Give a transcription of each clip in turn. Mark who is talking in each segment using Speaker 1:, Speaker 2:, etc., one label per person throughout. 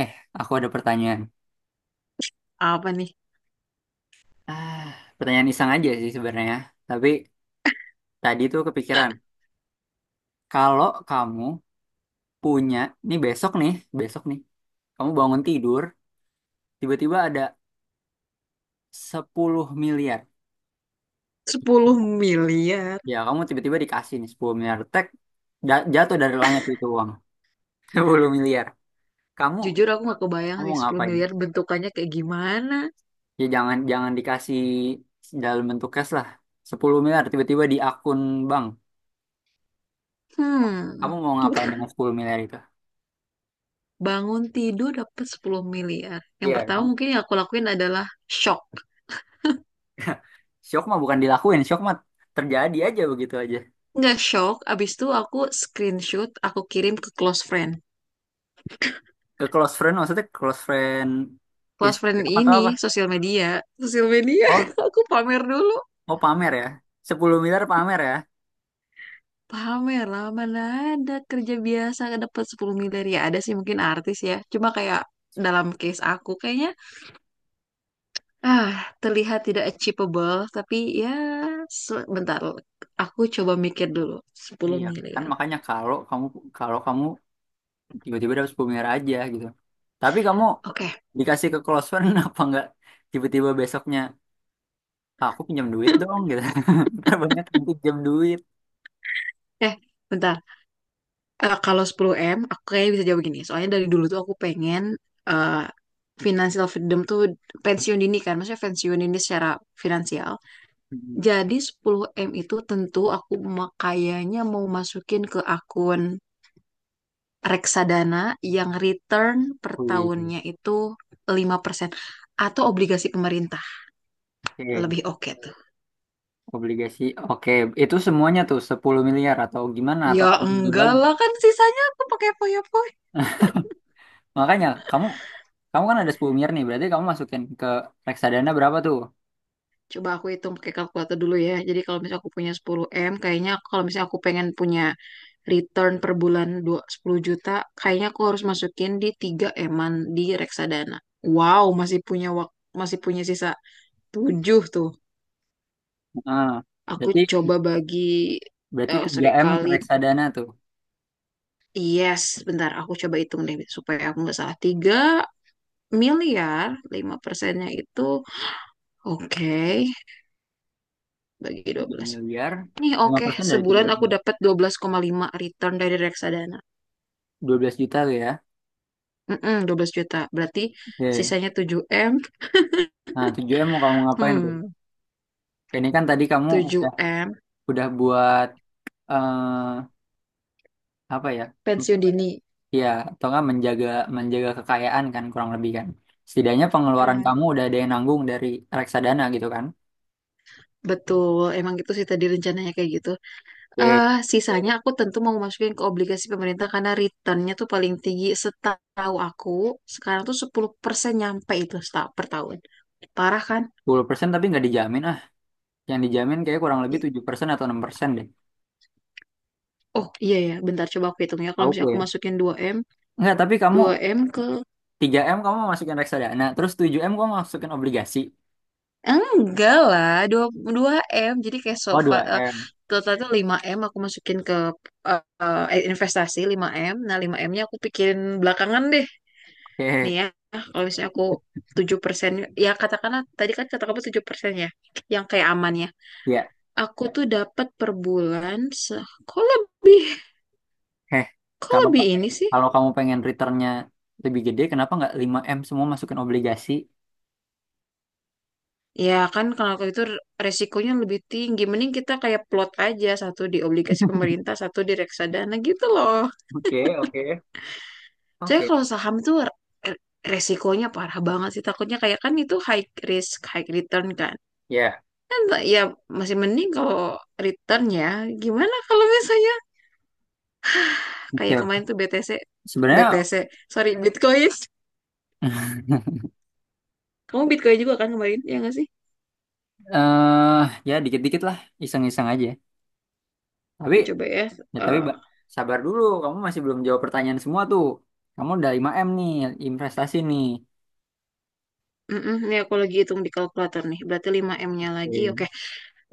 Speaker 1: Eh, aku ada pertanyaan.
Speaker 2: Apa nih?
Speaker 1: Ah, pertanyaan iseng aja sih sebenarnya. Tapi tadi tuh kepikiran, kalau kamu punya, nih besok nih, besok nih, kamu bangun tidur, tiba-tiba ada 10 miliar.
Speaker 2: 10 miliar.
Speaker 1: Ya, kamu tiba-tiba dikasih nih 10 miliar. Tek, jatuh dari langit itu uang. 10 miliar. Kamu,
Speaker 2: Jujur aku nggak kebayang
Speaker 1: kamu
Speaker 2: sih 10
Speaker 1: ngapain?
Speaker 2: miliar bentukannya kayak gimana.
Speaker 1: Ya jangan jangan dikasih dalam bentuk cash lah. 10 miliar tiba-tiba di akun bank.
Speaker 2: Hmm.
Speaker 1: Kamu mau ngapain dengan 10 miliar itu?
Speaker 2: Bangun tidur dapat 10 miliar. Yang
Speaker 1: Iya.
Speaker 2: pertama mungkin yang aku lakuin adalah shock.
Speaker 1: Syok mah bukan dilakuin, syok mah terjadi aja begitu aja.
Speaker 2: Nggak shock, abis itu aku screenshot, aku kirim ke close friend.
Speaker 1: Ke close friend maksudnya close friend
Speaker 2: Close friend
Speaker 1: Instagram atau apa?
Speaker 2: ini sosial media. Sosial media,
Speaker 1: Oh,
Speaker 2: aku pamer dulu.
Speaker 1: oh, pamer ya. Sepuluh miliar pamer ya.
Speaker 2: Pamer lah, mana ada kerja biasa dapat 10 miliar. Ya ada sih mungkin artis ya. Cuma kayak dalam case aku kayaknya Ah, terlihat tidak achievable, tapi ya sebentar. Aku coba mikir dulu. sepuluh
Speaker 1: Iya, kan
Speaker 2: miliar.
Speaker 1: makanya kalau kamu kalau kamu tiba-tiba dapat 10 miliar aja gitu. Tapi kamu
Speaker 2: Oke.
Speaker 1: dikasih ke close friend apa enggak tiba-tiba besoknya, "Ah, aku pinjam duit dong gitu." Ntar banyak yang pinjam duit.
Speaker 2: Eh, bentar. Eh, kalau sepuluh m aku kayaknya bisa jawab gini. Soalnya dari dulu tuh aku pengen eh, financial freedom tuh pensiun dini kan. Maksudnya pensiun dini secara finansial.
Speaker 1: Mhm.
Speaker 2: Jadi sepuluh m itu tentu aku kayaknya mau masukin ke akun reksadana yang return per
Speaker 1: Wih,
Speaker 2: tahunnya itu 5% atau obligasi pemerintah.
Speaker 1: oke,
Speaker 2: Lebih oke tuh.
Speaker 1: obligasi. Oke, itu semuanya tuh 10 miliar atau gimana
Speaker 2: Ya
Speaker 1: atau kamu
Speaker 2: enggak
Speaker 1: bagi-bagi.
Speaker 2: lah, kan sisanya aku pakai poyo-poyo.
Speaker 1: Makanya kamu Kamu kan ada 10 miliar nih, berarti kamu masukin ke reksadana berapa tuh?
Speaker 2: Coba aku hitung pakai kalkulator dulu ya. Jadi kalau misalnya aku punya sepuluh m, kayaknya kalau misalnya aku pengen punya return per bulan 10 juta, kayaknya aku harus masukin di tiga eman di reksadana. Wow, masih punya masih punya sisa 7 tuh.
Speaker 1: Ah
Speaker 2: Aku
Speaker 1: berarti
Speaker 2: coba bagi
Speaker 1: berarti
Speaker 2: sorry
Speaker 1: 3M ke
Speaker 2: kali,
Speaker 1: reksadana tuh.
Speaker 2: yes bentar, aku coba hitung deh supaya aku nggak salah. 3 miliar, 5 persennya itu, oke, bagi dua
Speaker 1: 3
Speaker 2: belas.
Speaker 1: miliar,
Speaker 2: Nih
Speaker 1: lima
Speaker 2: oke,
Speaker 1: persen dari 3
Speaker 2: sebulan aku
Speaker 1: miliar.
Speaker 2: dapat 12,5 return dari reksadana.
Speaker 1: 12 juta tuh ya.
Speaker 2: Mm-mm, 12 juta. Berarti
Speaker 1: Oke.
Speaker 2: sisanya tujuh m.
Speaker 1: Nah, 7M mau kamu ngapain tuh?
Speaker 2: Hmm,
Speaker 1: Ini kan tadi kamu
Speaker 2: Tujuh
Speaker 1: udah
Speaker 2: m
Speaker 1: udah buat, eh apa ya?
Speaker 2: pensiun dini.
Speaker 1: Ya, atau nggak menjaga menjaga kekayaan kan kurang lebih kan. Setidaknya pengeluaran
Speaker 2: Hmm.
Speaker 1: kamu udah ada yang nanggung dari reksadana gitu kan.
Speaker 2: Betul, emang gitu sih tadi rencananya kayak gitu.
Speaker 1: Oke.
Speaker 2: Eh sisanya aku tentu mau masukin ke obligasi pemerintah karena returnnya tuh paling tinggi setahu aku. Sekarang tuh 10% nyampe itu per tahun. Parah kan?
Speaker 1: 10% tapi nggak dijamin ah. Yang dijamin kayak kurang lebih
Speaker 2: I-
Speaker 1: 7% atau 6% deh.
Speaker 2: Oh iya ya, bentar coba aku hitung ya. Kalau misalnya
Speaker 1: Auko
Speaker 2: aku
Speaker 1: ya.
Speaker 2: masukin dua m
Speaker 1: Enggak, tapi kamu
Speaker 2: dua m ke
Speaker 1: 3M kamu masukin reksadana, nah, terus 7M kamu masukin obligasi.
Speaker 2: Enggak lah, dua dua M. Jadi kayak
Speaker 1: Oh,
Speaker 2: sofa,
Speaker 1: dua m
Speaker 2: total tuh 5M aku masukin ke eh, investasi lima m. Nah, lima m nya aku pikirin belakangan deh. Nih
Speaker 1: Oke.
Speaker 2: ya, kalau misalnya aku 7%, ya katakanlah tadi kan kata kamu 7% ya, yang kayak amannya.
Speaker 1: Ya.
Speaker 2: Aku tuh dapat per bulan,
Speaker 1: Heh.
Speaker 2: kok
Speaker 1: Kalau
Speaker 2: lebih ini sih?
Speaker 1: kalau kamu pengen returnnya lebih gede, kenapa nggak 5M semua masukin obligasi?
Speaker 2: Ya kan kalau itu resikonya lebih tinggi. Mending kita kayak plot aja, satu di obligasi pemerintah, satu di reksadana gitu loh.
Speaker 1: Oke, oke.
Speaker 2: Saya
Speaker 1: Oke.
Speaker 2: kalau saham tuh resikonya parah banget sih. Takutnya kayak kan itu high risk, high return kan.
Speaker 1: Ya.
Speaker 2: Kan ya masih mending kalau return ya. Gimana kalau misalnya kayak
Speaker 1: Oke.
Speaker 2: kemarin tuh BTC,
Speaker 1: Sebenarnya,
Speaker 2: BTC, sorry Bitcoin. Kamu Bitcoin juga kan kemarin, ya nggak sih?
Speaker 1: eh ya dikit-dikit lah, iseng-iseng aja. Tapi
Speaker 2: Coba ya.
Speaker 1: ya tapi
Speaker 2: eh,
Speaker 1: Mbak, sabar dulu, kamu masih belum jawab pertanyaan semua tuh. Kamu udah 5M nih, investasi nih.
Speaker 2: mm-mm, ini aku lagi hitung di kalkulator nih. Berarti lima m nya lagi. Oke,
Speaker 1: Oke.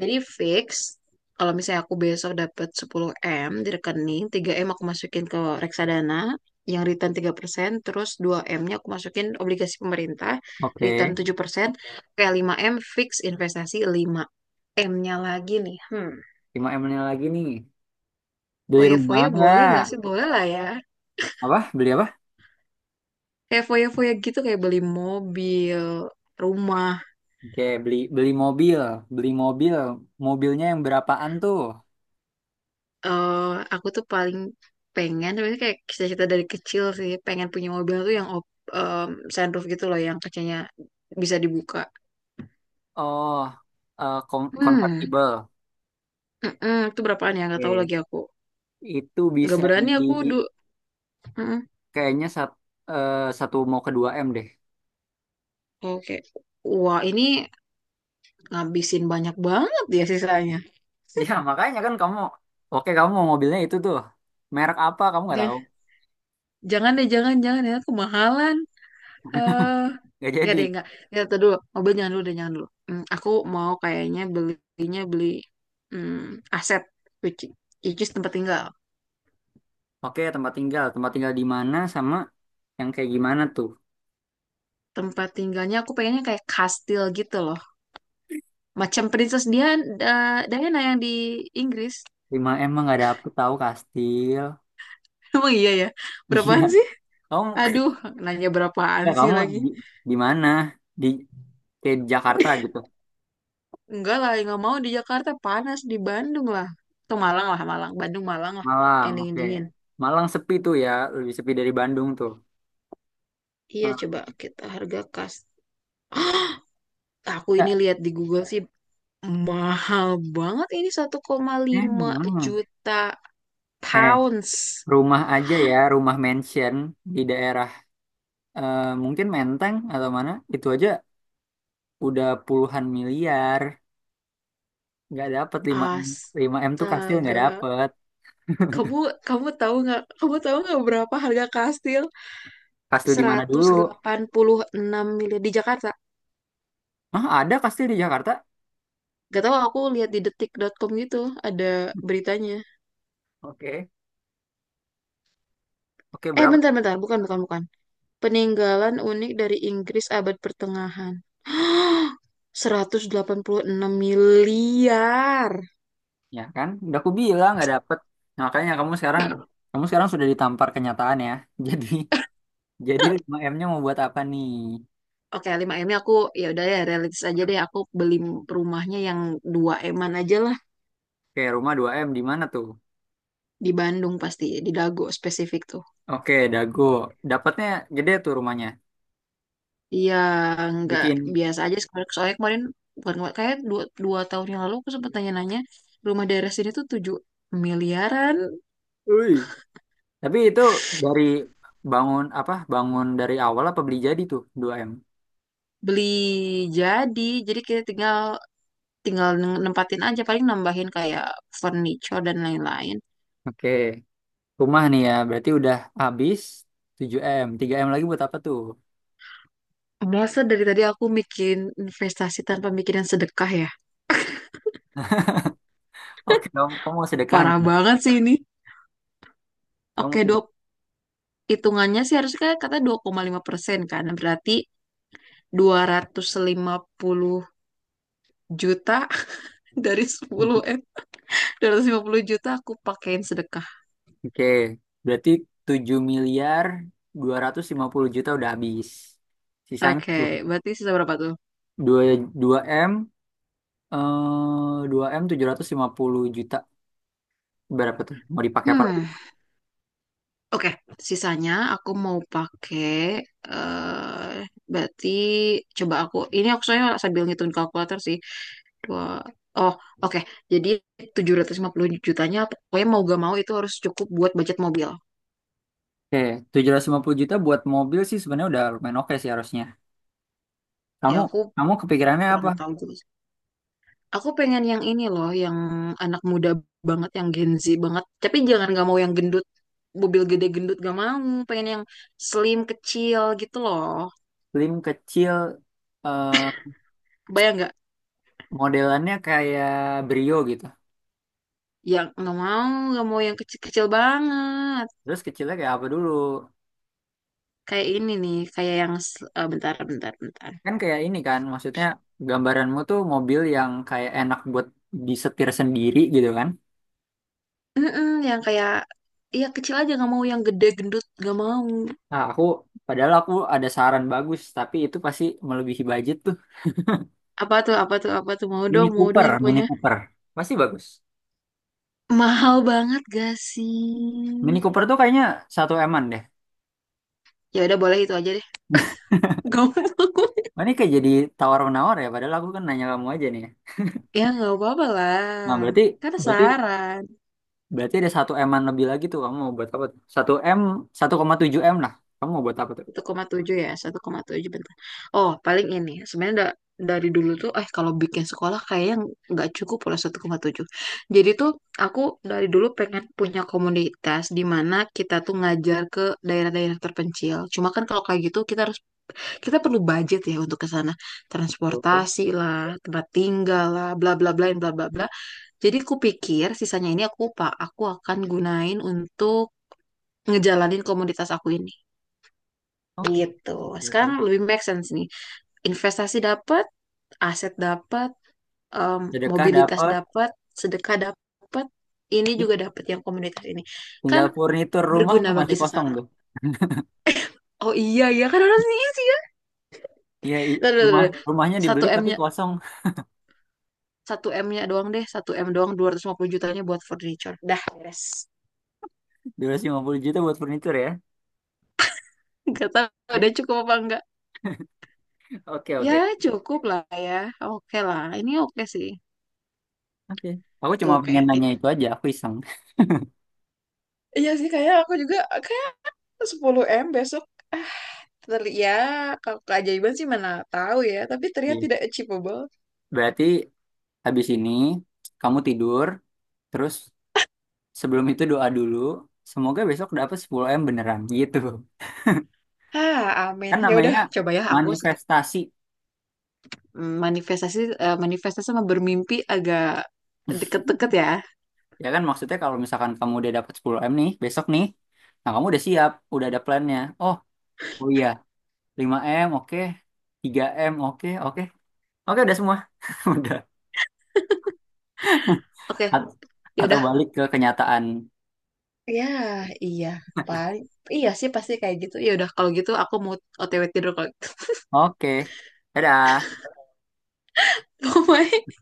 Speaker 2: jadi fix, kalau misalnya aku besok dapat 10M di rekening, 3M aku masukin ke reksadana, yang return 3%, terus 2M-nya aku masukin obligasi pemerintah,
Speaker 1: Oke.
Speaker 2: return 7%, kayak 5M fix investasi. 5M-nya lagi nih.
Speaker 1: 5M ini lagi nih. Beli rumah
Speaker 2: Foya-foya boleh
Speaker 1: nggak?
Speaker 2: nggak sih? Boleh lah ya.
Speaker 1: Apa? Beli apa?
Speaker 2: Kayak foya-foya gitu, kayak beli mobil, rumah,
Speaker 1: Oke, beli beli mobil, beli mobil. Mobilnya yang berapaan tuh?
Speaker 2: eh aku tuh paling pengen, sebenarnya kayak cita-cita dari kecil sih pengen punya mobil tuh yang em, sunroof gitu loh yang kacanya bisa dibuka.
Speaker 1: Oh,
Speaker 2: Hmm,
Speaker 1: convertible.
Speaker 2: mm-mm, itu berapaan ya? Nggak tahu
Speaker 1: Oke.
Speaker 2: lagi aku.
Speaker 1: Itu
Speaker 2: Nggak
Speaker 1: bisa di
Speaker 2: berani aku du. Mm-mm.
Speaker 1: kayaknya satu mau ke 2M deh.
Speaker 2: Oke. Wah, ini ngabisin banyak banget ya sisanya.
Speaker 1: Ya, makanya kan kamu. Oke, kamu mau mobilnya itu tuh. Merek apa kamu nggak
Speaker 2: Ja-
Speaker 1: tahu?
Speaker 2: Jangan deh, jangan, jangan ya. Kemahalan. eh
Speaker 1: Nggak
Speaker 2: nggak
Speaker 1: jadi.
Speaker 2: deh, nggak. Nggak, tuh dulu. Mobil jangan dulu deh, jangan dulu. Aku mau kayaknya belinya beli hmm, aset, which, which is tempat tinggal.
Speaker 1: Oke, tempat tinggal. Tempat tinggal di mana sama yang kayak gimana tuh?
Speaker 2: Tempat tinggalnya aku pengennya kayak kastil gitu loh. Macam Princess Diana yang di Inggris.
Speaker 1: 5M mah nggak dapet tahu kastil.
Speaker 2: Emang iya ya? Berapaan
Speaker 1: Iya.
Speaker 2: sih?
Speaker 1: Kamu.
Speaker 2: Aduh, nanya berapaan
Speaker 1: Ya,
Speaker 2: sih
Speaker 1: kamu
Speaker 2: lagi?
Speaker 1: di, di mana? Di Kayak di Jakarta gitu.
Speaker 2: Enggak lah, nggak mau di Jakarta. Panas, di Bandung lah. Atau Malang lah, Malang. Bandung, Malang lah.
Speaker 1: Malang,
Speaker 2: Yang
Speaker 1: oke.
Speaker 2: dingin-dingin.
Speaker 1: Malang sepi tuh ya, lebih sepi dari Bandung tuh.
Speaker 2: Iya,
Speaker 1: Nah,
Speaker 2: coba kita harga kas. Aku ini
Speaker 1: ya,
Speaker 2: lihat di Google sih, mahal banget ini satu koma lima
Speaker 1: emang.
Speaker 2: juta
Speaker 1: Eh,
Speaker 2: pounds.
Speaker 1: rumah aja ya, rumah mansion di daerah, eh, mungkin Menteng atau mana, itu aja udah puluhan miliar. Nggak dapet lima m. 5M tuh kastil nggak
Speaker 2: Astaga.
Speaker 1: dapet.
Speaker 2: Kamu kamu tahu nggak? Kamu tahu nggak berapa harga kastil?
Speaker 1: Kastil di mana
Speaker 2: seratus
Speaker 1: dulu?
Speaker 2: delapan puluh enam miliar di Jakarta.
Speaker 1: Ah, ada kastil di Jakarta?
Speaker 2: Gak tahu, aku lihat di detik dot com gitu ada beritanya.
Speaker 1: Oke. Oke,
Speaker 2: Eh,
Speaker 1: berapa?
Speaker 2: bentar bentar, bukan bukan bukan. Peninggalan unik dari Inggris abad pertengahan. 186 miliar.
Speaker 1: Ya kan? Udah aku bilang nggak dapet. Nah, makanya kamu sekarang sudah ditampar kenyataan ya. Jadi jadi 5M-nya mau buat apa nih?
Speaker 2: Oke, lima m nya aku ya udah ya realistis aja deh, aku beli rumahnya yang dua eman aja lah,
Speaker 1: Oke, rumah 2M di mana tuh?
Speaker 2: di Bandung pasti, di Dago spesifik tuh.
Speaker 1: Oke, Dago. Dapatnya gede tuh rumahnya.
Speaker 2: Iya, nggak
Speaker 1: Bikin
Speaker 2: biasa aja, soalnya soalnya kemarin, bukan kemarin, kayak dua tahun yang lalu aku sempat tanya-nanya rumah daerah sini tuh 7 miliaran,
Speaker 1: Ui. Tapi itu dari bangun apa? Bangun dari awal apa beli jadi tuh 2M.
Speaker 2: beli jadi. Jadi kita tinggal tinggal nempatin aja, paling nambahin kayak furniture dan lain-lain.
Speaker 1: Oke. Rumah nih ya, berarti udah habis 7M. 3M lagi buat apa tuh?
Speaker 2: Masa dari tadi aku bikin investasi tanpa mikirin sedekah ya?
Speaker 1: Oke, kamu mau sedekah nih.
Speaker 2: Parah banget sih ini.
Speaker 1: Kamu mau
Speaker 2: Oke,
Speaker 1: sedekah.
Speaker 2: 20 hitungannya sih harusnya kayak kata 2,5% kan. Berarti 250 juta dari 10 M. 250 juta aku pakein sedekah.
Speaker 1: Oke, berarti 7,25 miliar udah habis. Sisanya
Speaker 2: Oke,
Speaker 1: tuh
Speaker 2: berarti sisa berapa tuh?
Speaker 1: dua dua m eh 2M puluh juta. Berapa tuh? Mau dipakai apa lagi?
Speaker 2: Hmm, oke. Sisanya aku mau pakai eh berarti coba aku ini, aku soalnya sambil ngitung kalkulator sih. Dua. Oh, oke. Jadi 750 jutanya pokoknya mau gak mau itu harus cukup buat budget mobil.
Speaker 1: Oke, 750 juta buat mobil sih sebenarnya udah lumayan oke sih harusnya.
Speaker 2: Ya
Speaker 1: Kamu
Speaker 2: aku
Speaker 1: kamu kepikirannya apa?
Speaker 2: kurang tahu juga. Aku pengen yang ini loh, yang anak muda banget, yang Gen Z banget. Tapi jangan, gak mau yang gendut, mobil gede gendut gak mau. Pengen yang slim kecil gitu loh.
Speaker 1: Slim kecil, eh
Speaker 2: Bayang gak?
Speaker 1: modelannya kayak Brio gitu.
Speaker 2: Yang gak mau yang kecil-kecil banget.
Speaker 1: Terus kecilnya kayak apa dulu?
Speaker 2: Kayak ini nih, kayak yang bentar, bentar, bentar.
Speaker 1: Kan kayak ini kan, maksudnya gambaranmu tuh mobil yang kayak enak buat disetir sendiri gitu kan.
Speaker 2: Mm-mm, yang kayak, iya kecil aja gak mau yang gede gendut gak mau.
Speaker 1: Nah, padahal aku ada saran bagus, tapi itu pasti melebihi budget tuh.
Speaker 2: Apa tuh, apa tuh, apa tuh?
Speaker 1: Mini
Speaker 2: Mau dong
Speaker 1: Cooper, Mini
Speaker 2: infonya.
Speaker 1: Cooper. Pasti bagus.
Speaker 2: Mahal banget gak sih?
Speaker 1: Mini Cooper tuh kayaknya satu eman deh.
Speaker 2: Ya udah boleh itu aja deh. Gak mau.
Speaker 1: Wah, ini kayak jadi tawar-menawar ya, padahal aku kan nanya kamu aja nih.
Speaker 2: Ya nggak apa-apa lah.
Speaker 1: Nah, berarti
Speaker 2: Kan
Speaker 1: berarti
Speaker 2: saran.
Speaker 1: berarti ada satu eman lebih lagi tuh kamu mau buat apa tuh? 1M, 1,7M lah. Kamu mau buat apa tuh?
Speaker 2: 1,7 ya, 1,7 bentar. Oh, paling ini. Sebenarnya dari dulu tuh, kalau bikin sekolah kayaknya nggak cukup pula 1,7. Jadi tuh aku dari dulu pengen punya komunitas di mana kita tuh ngajar ke daerah-daerah terpencil. Cuma kan kalau kayak gitu kita perlu budget ya untuk ke sana.
Speaker 1: Oke.
Speaker 2: Transportasi lah, tempat tinggal lah, bla bla bla bla bla bla. Jadi aku pikir sisanya ini aku akan gunain untuk ngejalanin komunitas aku ini
Speaker 1: Oke,
Speaker 2: gitu. Sekarang
Speaker 1: oke.
Speaker 2: lebih make sense nih. Investasi dapat, aset dapat,
Speaker 1: Sedekah
Speaker 2: mobilitas
Speaker 1: dapat.
Speaker 2: dapat, sedekah dapat, ini juga dapat yang komunitas ini. Kan
Speaker 1: Tinggal furnitur rumah
Speaker 2: berguna
Speaker 1: tuh
Speaker 2: bagi
Speaker 1: masih kosong
Speaker 2: sesama.
Speaker 1: tuh.
Speaker 2: Oh iya ya, kan harusnya isi.
Speaker 1: Iya,
Speaker 2: Tuh, tuh, tuh,
Speaker 1: rumah
Speaker 2: tuh.
Speaker 1: rumahnya
Speaker 2: Satu
Speaker 1: dibeli tapi
Speaker 2: M-nya,
Speaker 1: kosong.
Speaker 2: satu M-nya doang deh, satu M doang, 250 jutanya buat furniture. Dah, beres.
Speaker 1: 250 juta buat furnitur ya.
Speaker 2: Gak tahu ada
Speaker 1: Ya,
Speaker 2: cukup apa enggak.
Speaker 1: oke,
Speaker 2: Ya,
Speaker 1: oke.
Speaker 2: cukup lah ya. Oke lah. Ini oke sih.
Speaker 1: Oke. Aku
Speaker 2: Tuh,
Speaker 1: cuma
Speaker 2: oke.
Speaker 1: pengen nanya itu aja, aku iseng.
Speaker 2: Iya sih, kayak aku juga 10M besok, ah ya kalau keajaiban sih mana tahu ya, tapi terlihat
Speaker 1: Iya.
Speaker 2: tidak achievable.
Speaker 1: Berarti habis ini kamu tidur, terus sebelum itu doa dulu, semoga besok dapat 10M beneran gitu.
Speaker 2: ah Amin,
Speaker 1: Kan
Speaker 2: ya udah
Speaker 1: namanya
Speaker 2: coba ya, aku sek-
Speaker 1: manifestasi.
Speaker 2: mm, manifestasi eh, manifestasi sama bermimpi agak deket-deket ya.
Speaker 1: Ya kan maksudnya kalau misalkan kamu udah dapat 10M nih, besok nih, nah kamu udah siap, udah ada plannya. Oh, oh, iya, 5M oke, 3M oke, oke. Oke, udah semua. Udah.
Speaker 2: Oke,
Speaker 1: At-
Speaker 2: ya
Speaker 1: atau
Speaker 2: udah,
Speaker 1: balik ke kenyataan.
Speaker 2: ya iya paling iya sih pasti kayak gitu. Ya udah kalau gitu aku mau OTW tidur kalau gitu.
Speaker 1: Oke. Dadah.
Speaker 2: Bye.